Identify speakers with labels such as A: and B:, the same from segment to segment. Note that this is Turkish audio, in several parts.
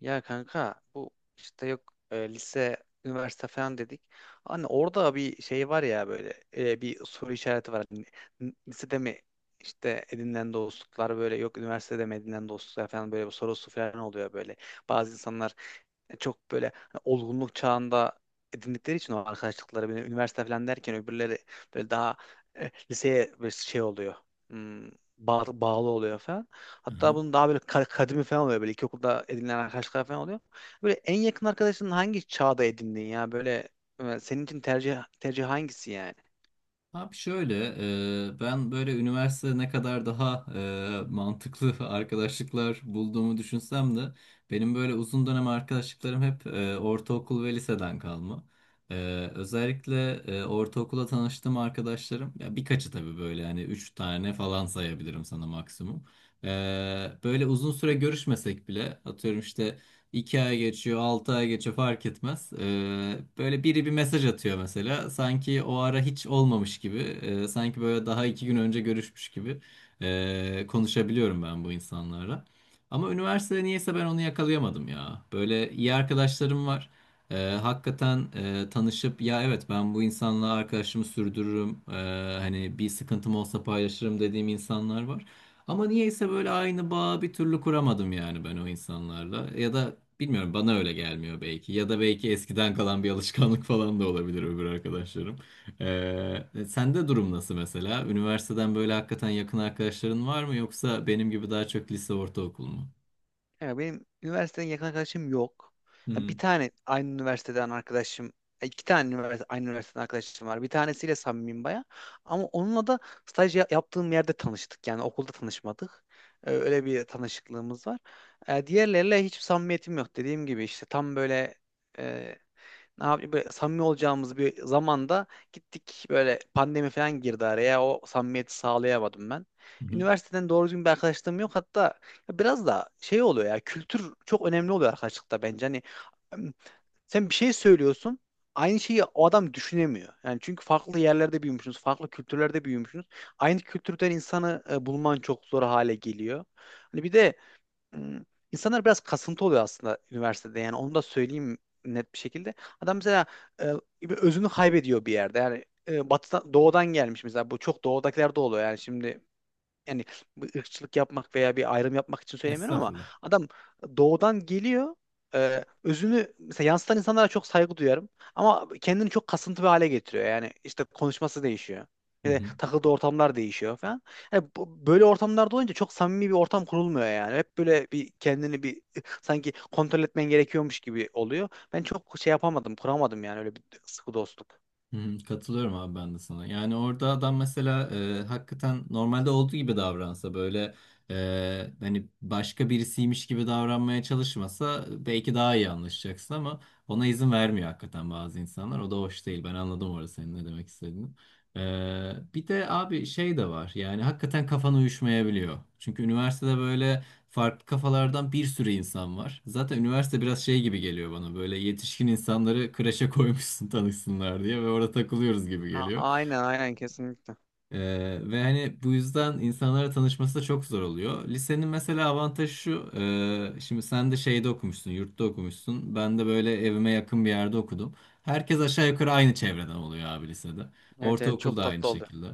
A: Ya kanka bu işte yok lise, üniversite falan dedik. Hani orada bir şey var ya böyle bir soru işareti var. Lisede mi işte edinilen dostluklar, böyle yok, üniversitede mi edinilen dostluklar falan, böyle bir sorusu falan oluyor böyle. Bazı insanlar çok böyle hani olgunluk çağında edindikleri için o arkadaşlıkları böyle üniversite falan derken, öbürleri böyle daha liseye böyle şey oluyor. Hmm, Bağlı oluyor falan.
B: Hı
A: Hatta
B: hı.
A: bunun daha böyle kadimi falan oluyor. Böyle ilkokulda edinilen arkadaşlar falan oluyor. Böyle en yakın arkadaşın hangi çağda edindin ya? Böyle senin için tercih hangisi yani?
B: Abi şöyle, ben böyle üniversitede ne kadar daha mantıklı arkadaşlıklar bulduğumu düşünsem de benim böyle uzun dönem arkadaşlıklarım hep ortaokul ve liseden kalma. E, Özellikle ortaokulda tanıştığım arkadaşlarım, ya birkaçı tabii böyle yani üç tane falan sayabilirim sana maksimum. E, Böyle uzun süre görüşmesek bile atıyorum işte. 2 ay geçiyor, 6 ay geçiyor fark etmez. Böyle biri bir mesaj atıyor mesela. Sanki o ara hiç olmamış gibi. Sanki böyle daha 2 gün önce görüşmüş gibi konuşabiliyorum ben bu insanlarla. Ama üniversitede niyeyse ben onu yakalayamadım ya. Böyle iyi arkadaşlarım var. Ee, Hakikaten tanışıp ya evet ben bu insanla arkadaşımı sürdürürüm. Hani bir sıkıntım olsa paylaşırım dediğim insanlar var. Ama niyeyse böyle aynı bağı bir türlü kuramadım yani ben o insanlarla. Ya da bilmiyorum bana öyle gelmiyor belki. Ya da belki eskiden kalan bir alışkanlık falan da olabilir öbür arkadaşlarım. Ee, Sende durum nasıl mesela? Üniversiteden böyle hakikaten yakın arkadaşların var mı yoksa benim gibi daha çok lise ortaokul mu?
A: Ya benim üniversiteden yakın arkadaşım yok.
B: Hı
A: Ya bir
B: hı.
A: tane aynı üniversiteden arkadaşım, e, iki tane üniversite, aynı üniversiteden arkadaşım var. Bir tanesiyle samimiyim baya. Ama onunla da staj yaptığım yerde tanıştık. Yani okulda tanışmadık. Öyle bir tanışıklığımız var. Diğerleriyle hiç samimiyetim yok. Dediğim gibi işte tam böyle e, ne yapayım, böyle samimi olacağımız bir zamanda gittik böyle pandemi falan girdi araya, o samimiyeti sağlayamadım ben.
B: Hı hı.
A: Üniversiteden doğru düzgün bir arkadaşlığım yok. Hatta biraz da şey oluyor ya, kültür çok önemli oluyor arkadaşlıkta bence. Em, Sen bir şey söylüyorsun, aynı şeyi o adam düşünemiyor. Yani çünkü farklı yerlerde büyümüşsünüz, farklı kültürlerde büyümüşsünüz. Aynı kültürden insanı bulman çok zor hale geliyor. Hani bir de Hmm. İnsanlar biraz kasıntı oluyor aslında üniversitede, yani onu da söyleyeyim net bir şekilde. Adam mesela e, bir özünü kaybediyor bir yerde. Yani batıdan, doğudan gelmiş mesela, bu çok doğudakiler de oluyor yani şimdi. Yani bu ırkçılık yapmak veya bir ayrım yapmak için söylemiyorum ama
B: Estağfurullah.
A: adam doğudan geliyor. Özünü mesela yansıtan insanlara çok saygı duyarım ama kendini çok kasıntı bir hale getiriyor. Yani işte konuşması değişiyor.
B: Hı
A: Yani
B: hı.
A: takıldığı ortamlar değişiyor falan. Yani böyle ortamlarda olunca çok samimi bir ortam kurulmuyor yani. Hep böyle kendini sanki kontrol etmen gerekiyormuş gibi oluyor. Ben çok şey yapamadım, kuramadım yani, öyle bir sıkı dostluk.
B: Hı hı, katılıyorum abi ben de sana. Yani orada adam mesela hakikaten normalde olduğu gibi davransa böyle hani başka birisiymiş gibi davranmaya çalışmasa belki daha iyi anlaşacaksın ama ona izin vermiyor hakikaten bazı insanlar. O da hoş değil. Ben anladım orada senin ne demek istediğini. E, bir de abi şey de var yani hakikaten kafan uyuşmayabiliyor. Çünkü üniversitede böyle farklı kafalardan bir sürü insan var. Zaten üniversite biraz şey gibi geliyor bana böyle yetişkin insanları kreşe koymuşsun tanışsınlar diye ve orada takılıyoruz gibi
A: A-
B: geliyor.
A: aynen aynen kesinlikle.
B: Ee, Ve hani bu yüzden insanlara tanışması da çok zor oluyor. Lisenin mesela avantajı şu, şimdi sen de şeyde okumuşsun, yurtta okumuşsun. Ben de böyle evime yakın bir yerde okudum. Herkes aşağı yukarı aynı çevreden oluyor abi lisede.
A: Evet, evet,
B: Ortaokul
A: çok
B: da aynı
A: tatlı oldu.
B: şekilde.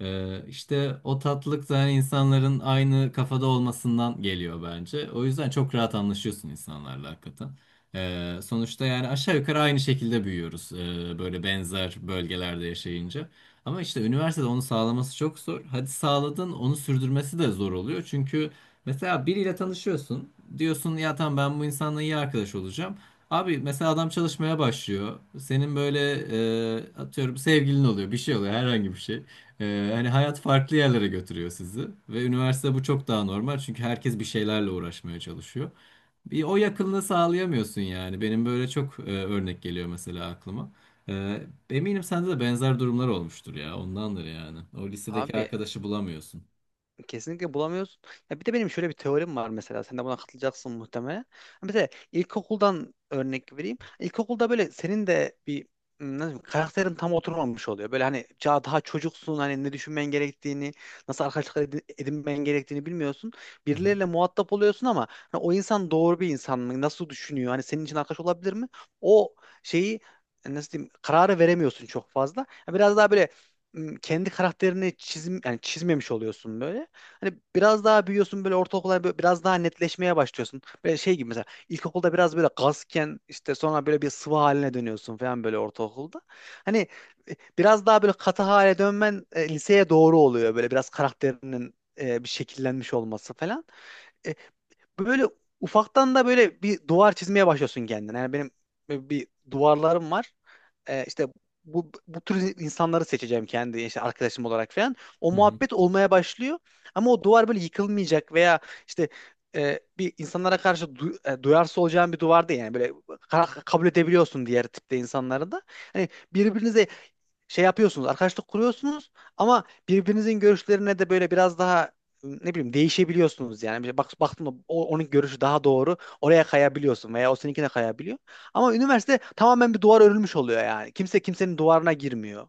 B: İşte o tatlılık da hani insanların aynı kafada olmasından geliyor bence. O yüzden çok rahat anlaşıyorsun insanlarla hakikaten. Sonuçta yani aşağı yukarı aynı şekilde büyüyoruz böyle benzer bölgelerde yaşayınca. Ama işte üniversitede onu sağlaması çok zor. Hadi sağladın onu sürdürmesi de zor oluyor. Çünkü mesela biriyle tanışıyorsun. Diyorsun ya tamam ben bu insanla iyi arkadaş olacağım. Abi mesela adam çalışmaya başlıyor. Senin böyle atıyorum sevgilin oluyor bir şey oluyor herhangi bir şey. Hani hayat farklı yerlere götürüyor sizi ve üniversite bu çok daha normal çünkü herkes bir şeylerle uğraşmaya çalışıyor. Bir o yakınlığı sağlayamıyorsun yani. Benim böyle çok örnek geliyor mesela aklıma. Eminim sende de benzer durumlar olmuştur ya. Ondandır yani. O lisedeki
A: Abi,
B: arkadaşı bulamıyorsun.
A: kesinlikle bulamıyorsun. Ya bir de benim şöyle bir teorim var mesela. Sen de buna katılacaksın muhtemelen. Mesela ilkokuldan örnek vereyim. İlkokulda böyle senin de bir nasıl diyeyim, karakterin tam oturmamış oluyor. Böyle hani daha çocuksun, hani ne düşünmen gerektiğini, nasıl arkadaşlıklar edinmen gerektiğini bilmiyorsun.
B: Hı hı.
A: Birileriyle muhatap oluyorsun, ama hani o insan doğru bir insan mı? Nasıl düşünüyor? Hani senin için arkadaş olabilir mi? O şeyi nasıl diyeyim, kararı veremiyorsun çok fazla. Ya biraz daha böyle kendi karakterini çizim yani çizmemiş oluyorsun böyle. Hani biraz daha büyüyorsun böyle ortaokulda, hani böyle biraz daha netleşmeye başlıyorsun. Böyle şey gibi mesela ilkokulda biraz böyle gazken, işte sonra böyle bir sıvı haline dönüyorsun falan böyle ortaokulda. Hani biraz daha böyle katı hale dönmen liseye doğru oluyor, böyle biraz karakterinin bir şekillenmiş olması falan. E, Böyle ufaktan da böyle bir duvar çizmeye başlıyorsun kendine. Yani benim böyle bir duvarlarım var. İşte bu tür insanları seçeceğim kendi işte, arkadaşım olarak falan. O
B: Hı hı.
A: muhabbet olmaya başlıyor. Ama o duvar böyle yıkılmayacak veya işte bir insanlara karşı duyarsız olacağın bir duvar değil. Yani böyle kabul edebiliyorsun diğer tipte insanları da. Hani birbirinize şey yapıyorsunuz, arkadaşlık kuruyorsunuz, ama birbirinizin görüşlerine de böyle biraz daha, ne bileyim, değişebiliyorsunuz yani. Bir bak, baktım da onun görüşü daha doğru. Oraya kayabiliyorsun veya o seninkine kayabiliyor. Ama üniversite tamamen bir duvar örülmüş oluyor yani. Kimse kimsenin duvarına girmiyor.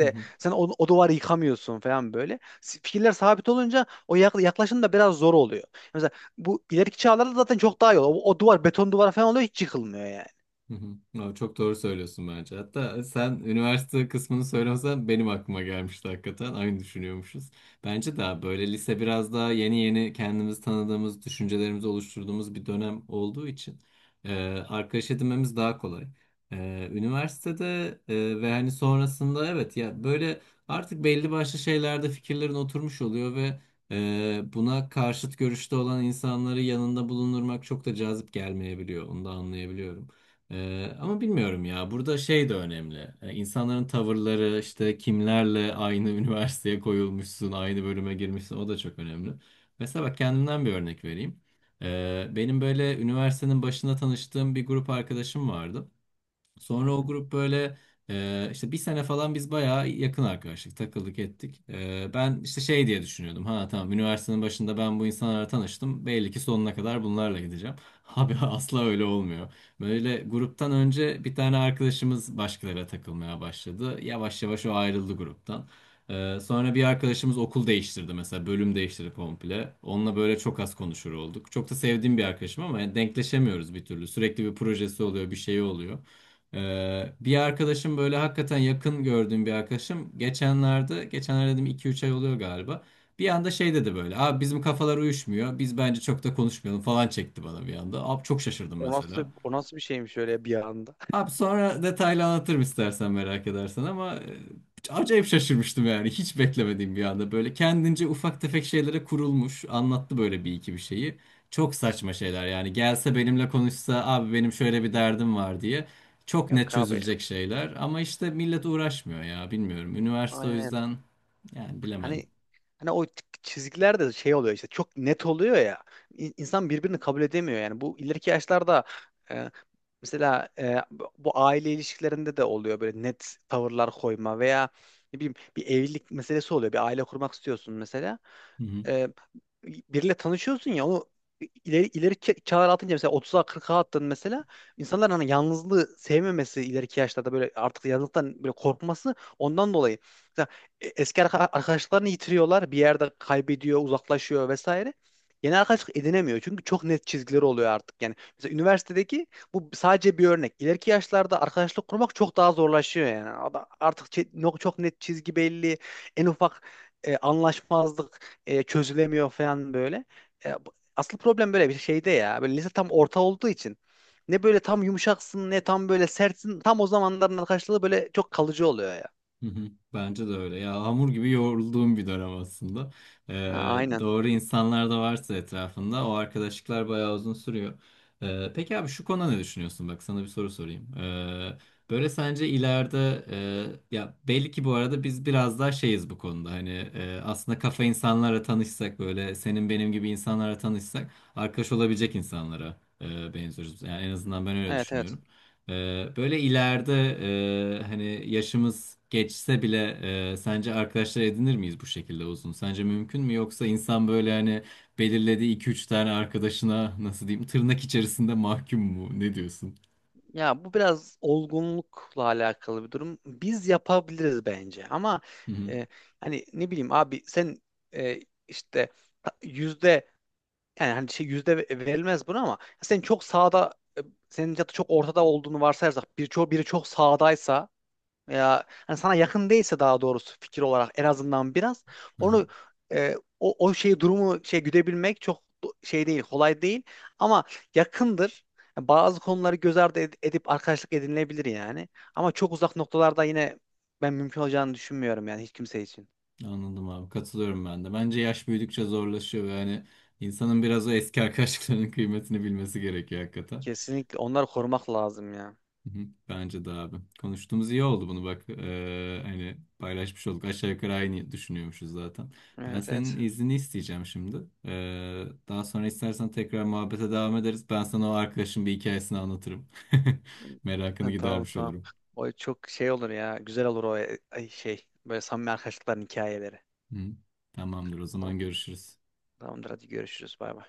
B: Hı hı.
A: sen o duvarı yıkamıyorsun falan böyle. Fikirler sabit olunca o yaklaşım da biraz zor oluyor. Mesela bu ileriki çağlarda zaten çok daha iyi oluyor. O duvar beton duvar falan oluyor, hiç yıkılmıyor yani.
B: Hı hı. Aa, çok doğru söylüyorsun bence. Hatta sen üniversite kısmını söylemesen benim aklıma gelmişti hakikaten. Aynı düşünüyormuşuz. Bence daha böyle lise biraz daha yeni yeni kendimizi tanıdığımız, düşüncelerimizi oluşturduğumuz bir dönem olduğu için e, arkadaş edinmemiz daha kolay. Üniversitede e, ve hani sonrasında evet ya böyle artık belli başlı şeylerde fikirlerin oturmuş oluyor ve buna karşıt görüşte olan insanları yanında bulundurmak çok da cazip gelmeyebiliyor. Onu da anlayabiliyorum. Ama bilmiyorum ya. Burada şey de önemli. İnsanların tavırları, işte kimlerle aynı üniversiteye koyulmuşsun, aynı bölüme girmişsin, o da çok önemli. Mesela bak kendimden bir örnek vereyim. Benim böyle üniversitenin başında tanıştığım bir grup arkadaşım vardı.
A: Hı
B: Sonra o
A: hı.
B: grup böyle işte bir sene falan biz bayağı yakın arkadaşlık takıldık ettik. E, ben işte şey diye düşünüyordum. Ha tamam üniversitenin başında ben bu insanlarla tanıştım. Belli ki sonuna kadar bunlarla gideceğim. Abi asla öyle olmuyor. Böyle gruptan önce bir tane arkadaşımız başkalarıyla takılmaya başladı. Yavaş yavaş o ayrıldı gruptan. Sonra bir arkadaşımız okul değiştirdi mesela bölüm değiştirdi komple. Onunla böyle çok az konuşur olduk. Çok da sevdiğim bir arkadaşım ama yani denkleşemiyoruz bir türlü. Sürekli bir projesi oluyor, bir şeyi oluyor. Bir arkadaşım böyle hakikaten yakın gördüğüm bir arkadaşım geçenlerde dedim 2 3 ay oluyor galiba. Bir anda şey dedi böyle. Abi bizim kafalar uyuşmuyor. Biz bence çok da konuşmayalım falan çekti bana bir anda. Abi çok şaşırdım
A: O nasıl,
B: mesela.
A: o nasıl bir şeymiş öyle bir anda?
B: Abi sonra detaylı anlatırım istersen merak edersen ama acayip şaşırmıştım yani hiç beklemediğim bir anda böyle kendince ufak tefek şeylere kurulmuş anlattı böyle bir iki bir şeyi çok saçma şeyler yani gelse benimle konuşsa abi benim şöyle bir derdim var diye çok net
A: Yok abi.
B: çözülecek şeyler ama işte millet uğraşmıyor ya bilmiyorum üniversite o
A: Aynen.
B: yüzden yani bilemedim.
A: Hani hani o çizgiler de şey oluyor işte, çok net oluyor ya. İnsan birbirini kabul edemiyor yani. Bu ileriki yaşlarda e, bu aile ilişkilerinde de oluyor böyle, net tavırlar koyma veya, ne bileyim, bir evlilik meselesi oluyor. Bir aile kurmak istiyorsun mesela,
B: Hı hı.
A: e, biriyle tanışıyorsun ya, onu çağlar atınca, mesela 30'a 40'a attın mesela, insanların hani yalnızlığı sevmemesi, ileriki yaşlarda böyle artık yalnızlıktan böyle korkması, ondan dolayı mesela arkadaşlarını yitiriyorlar bir yerde, kaybediyor, uzaklaşıyor vesaire. Yeni arkadaşlık edinemiyor, çünkü çok net çizgileri oluyor artık yani. Mesela üniversitedeki bu sadece bir örnek, ileriki yaşlarda arkadaşlık kurmak çok daha zorlaşıyor yani. Ada- artık çe- no- Çok net çizgi belli, en ufak anlaşmazlık çözülemiyor falan böyle. Asıl problem böyle bir şeyde ya. Böyle lise tam orta olduğu için ne böyle tam yumuşaksın ne tam böyle sertsin. Tam o zamanların arkadaşlığı böyle çok kalıcı oluyor ya.
B: Hı hı. Bence de öyle. Ya hamur gibi yoğrulduğum bir dönem aslında.
A: Ha, aynen.
B: Doğru insanlar da varsa etrafında o arkadaşlıklar bayağı uzun sürüyor. Peki abi şu konuda ne düşünüyorsun? Bak sana bir soru sorayım. Böyle sence ileride ya belli ki bu arada biz biraz daha şeyiz bu konuda. Hani aslında kafa insanlara tanışsak böyle senin benim gibi insanlara tanışsak arkadaş olabilecek insanlara benziyoruz. Yani en azından ben öyle
A: Evet, evet.
B: düşünüyorum. Böyle ileride hani yaşımız geçse bile sence arkadaşlar edinir miyiz bu şekilde uzun? Sence mümkün mü? Yoksa insan böyle hani belirlediği 2 3 tane arkadaşına nasıl diyeyim tırnak içerisinde mahkum mu? Ne diyorsun?
A: Ya bu biraz olgunlukla alakalı bir durum. Biz yapabiliriz bence, ama
B: Hı hı.
A: e, hani, ne bileyim abi, sen e, işte yüzde, yani hani şey, yüzde verilmez buna, ama sen çok sağda e, senin ya da çok ortada olduğunu varsayarsak, bir çok, biri çok sağdaysa veya hani sana yakın değilse, daha doğrusu fikir olarak, en azından biraz
B: Aha,
A: onu o şeyi, durumu şey güdebilmek çok şey değil, kolay değil, ama yakındır. Yani bazı konuları göz ardı edip arkadaşlık edinilebilir yani. Ama çok uzak noktalarda yine ben mümkün olacağını düşünmüyorum yani, hiç kimse için.
B: anladım abi. Katılıyorum ben de. Bence yaş büyüdükçe zorlaşıyor ve hani insanın biraz o eski arkadaşlıklarının kıymetini bilmesi gerekiyor hakikaten.
A: Kesinlikle onları korumak lazım ya.
B: Hı hı, bence de abi. Konuştuğumuz iyi oldu bunu bak. Hani paylaşmış olduk. Aşağı yukarı aynı düşünüyormuşuz zaten. Ben
A: Evet,
B: senin
A: evet.
B: iznini isteyeceğim şimdi. Daha sonra istersen tekrar muhabbete devam ederiz. Ben sana o arkadaşın bir hikayesini anlatırım. Merakını
A: Ha, tamam,
B: gidermiş
A: tamam.
B: olurum.
A: O çok şey olur ya. Güzel olur o, şey, böyle samimi arkadaşlıkların hikayeleri.
B: Hı. Tamamdır o
A: Tamam.
B: zaman görüşürüz.
A: Tamamdır, hadi görüşürüz. Bay bay.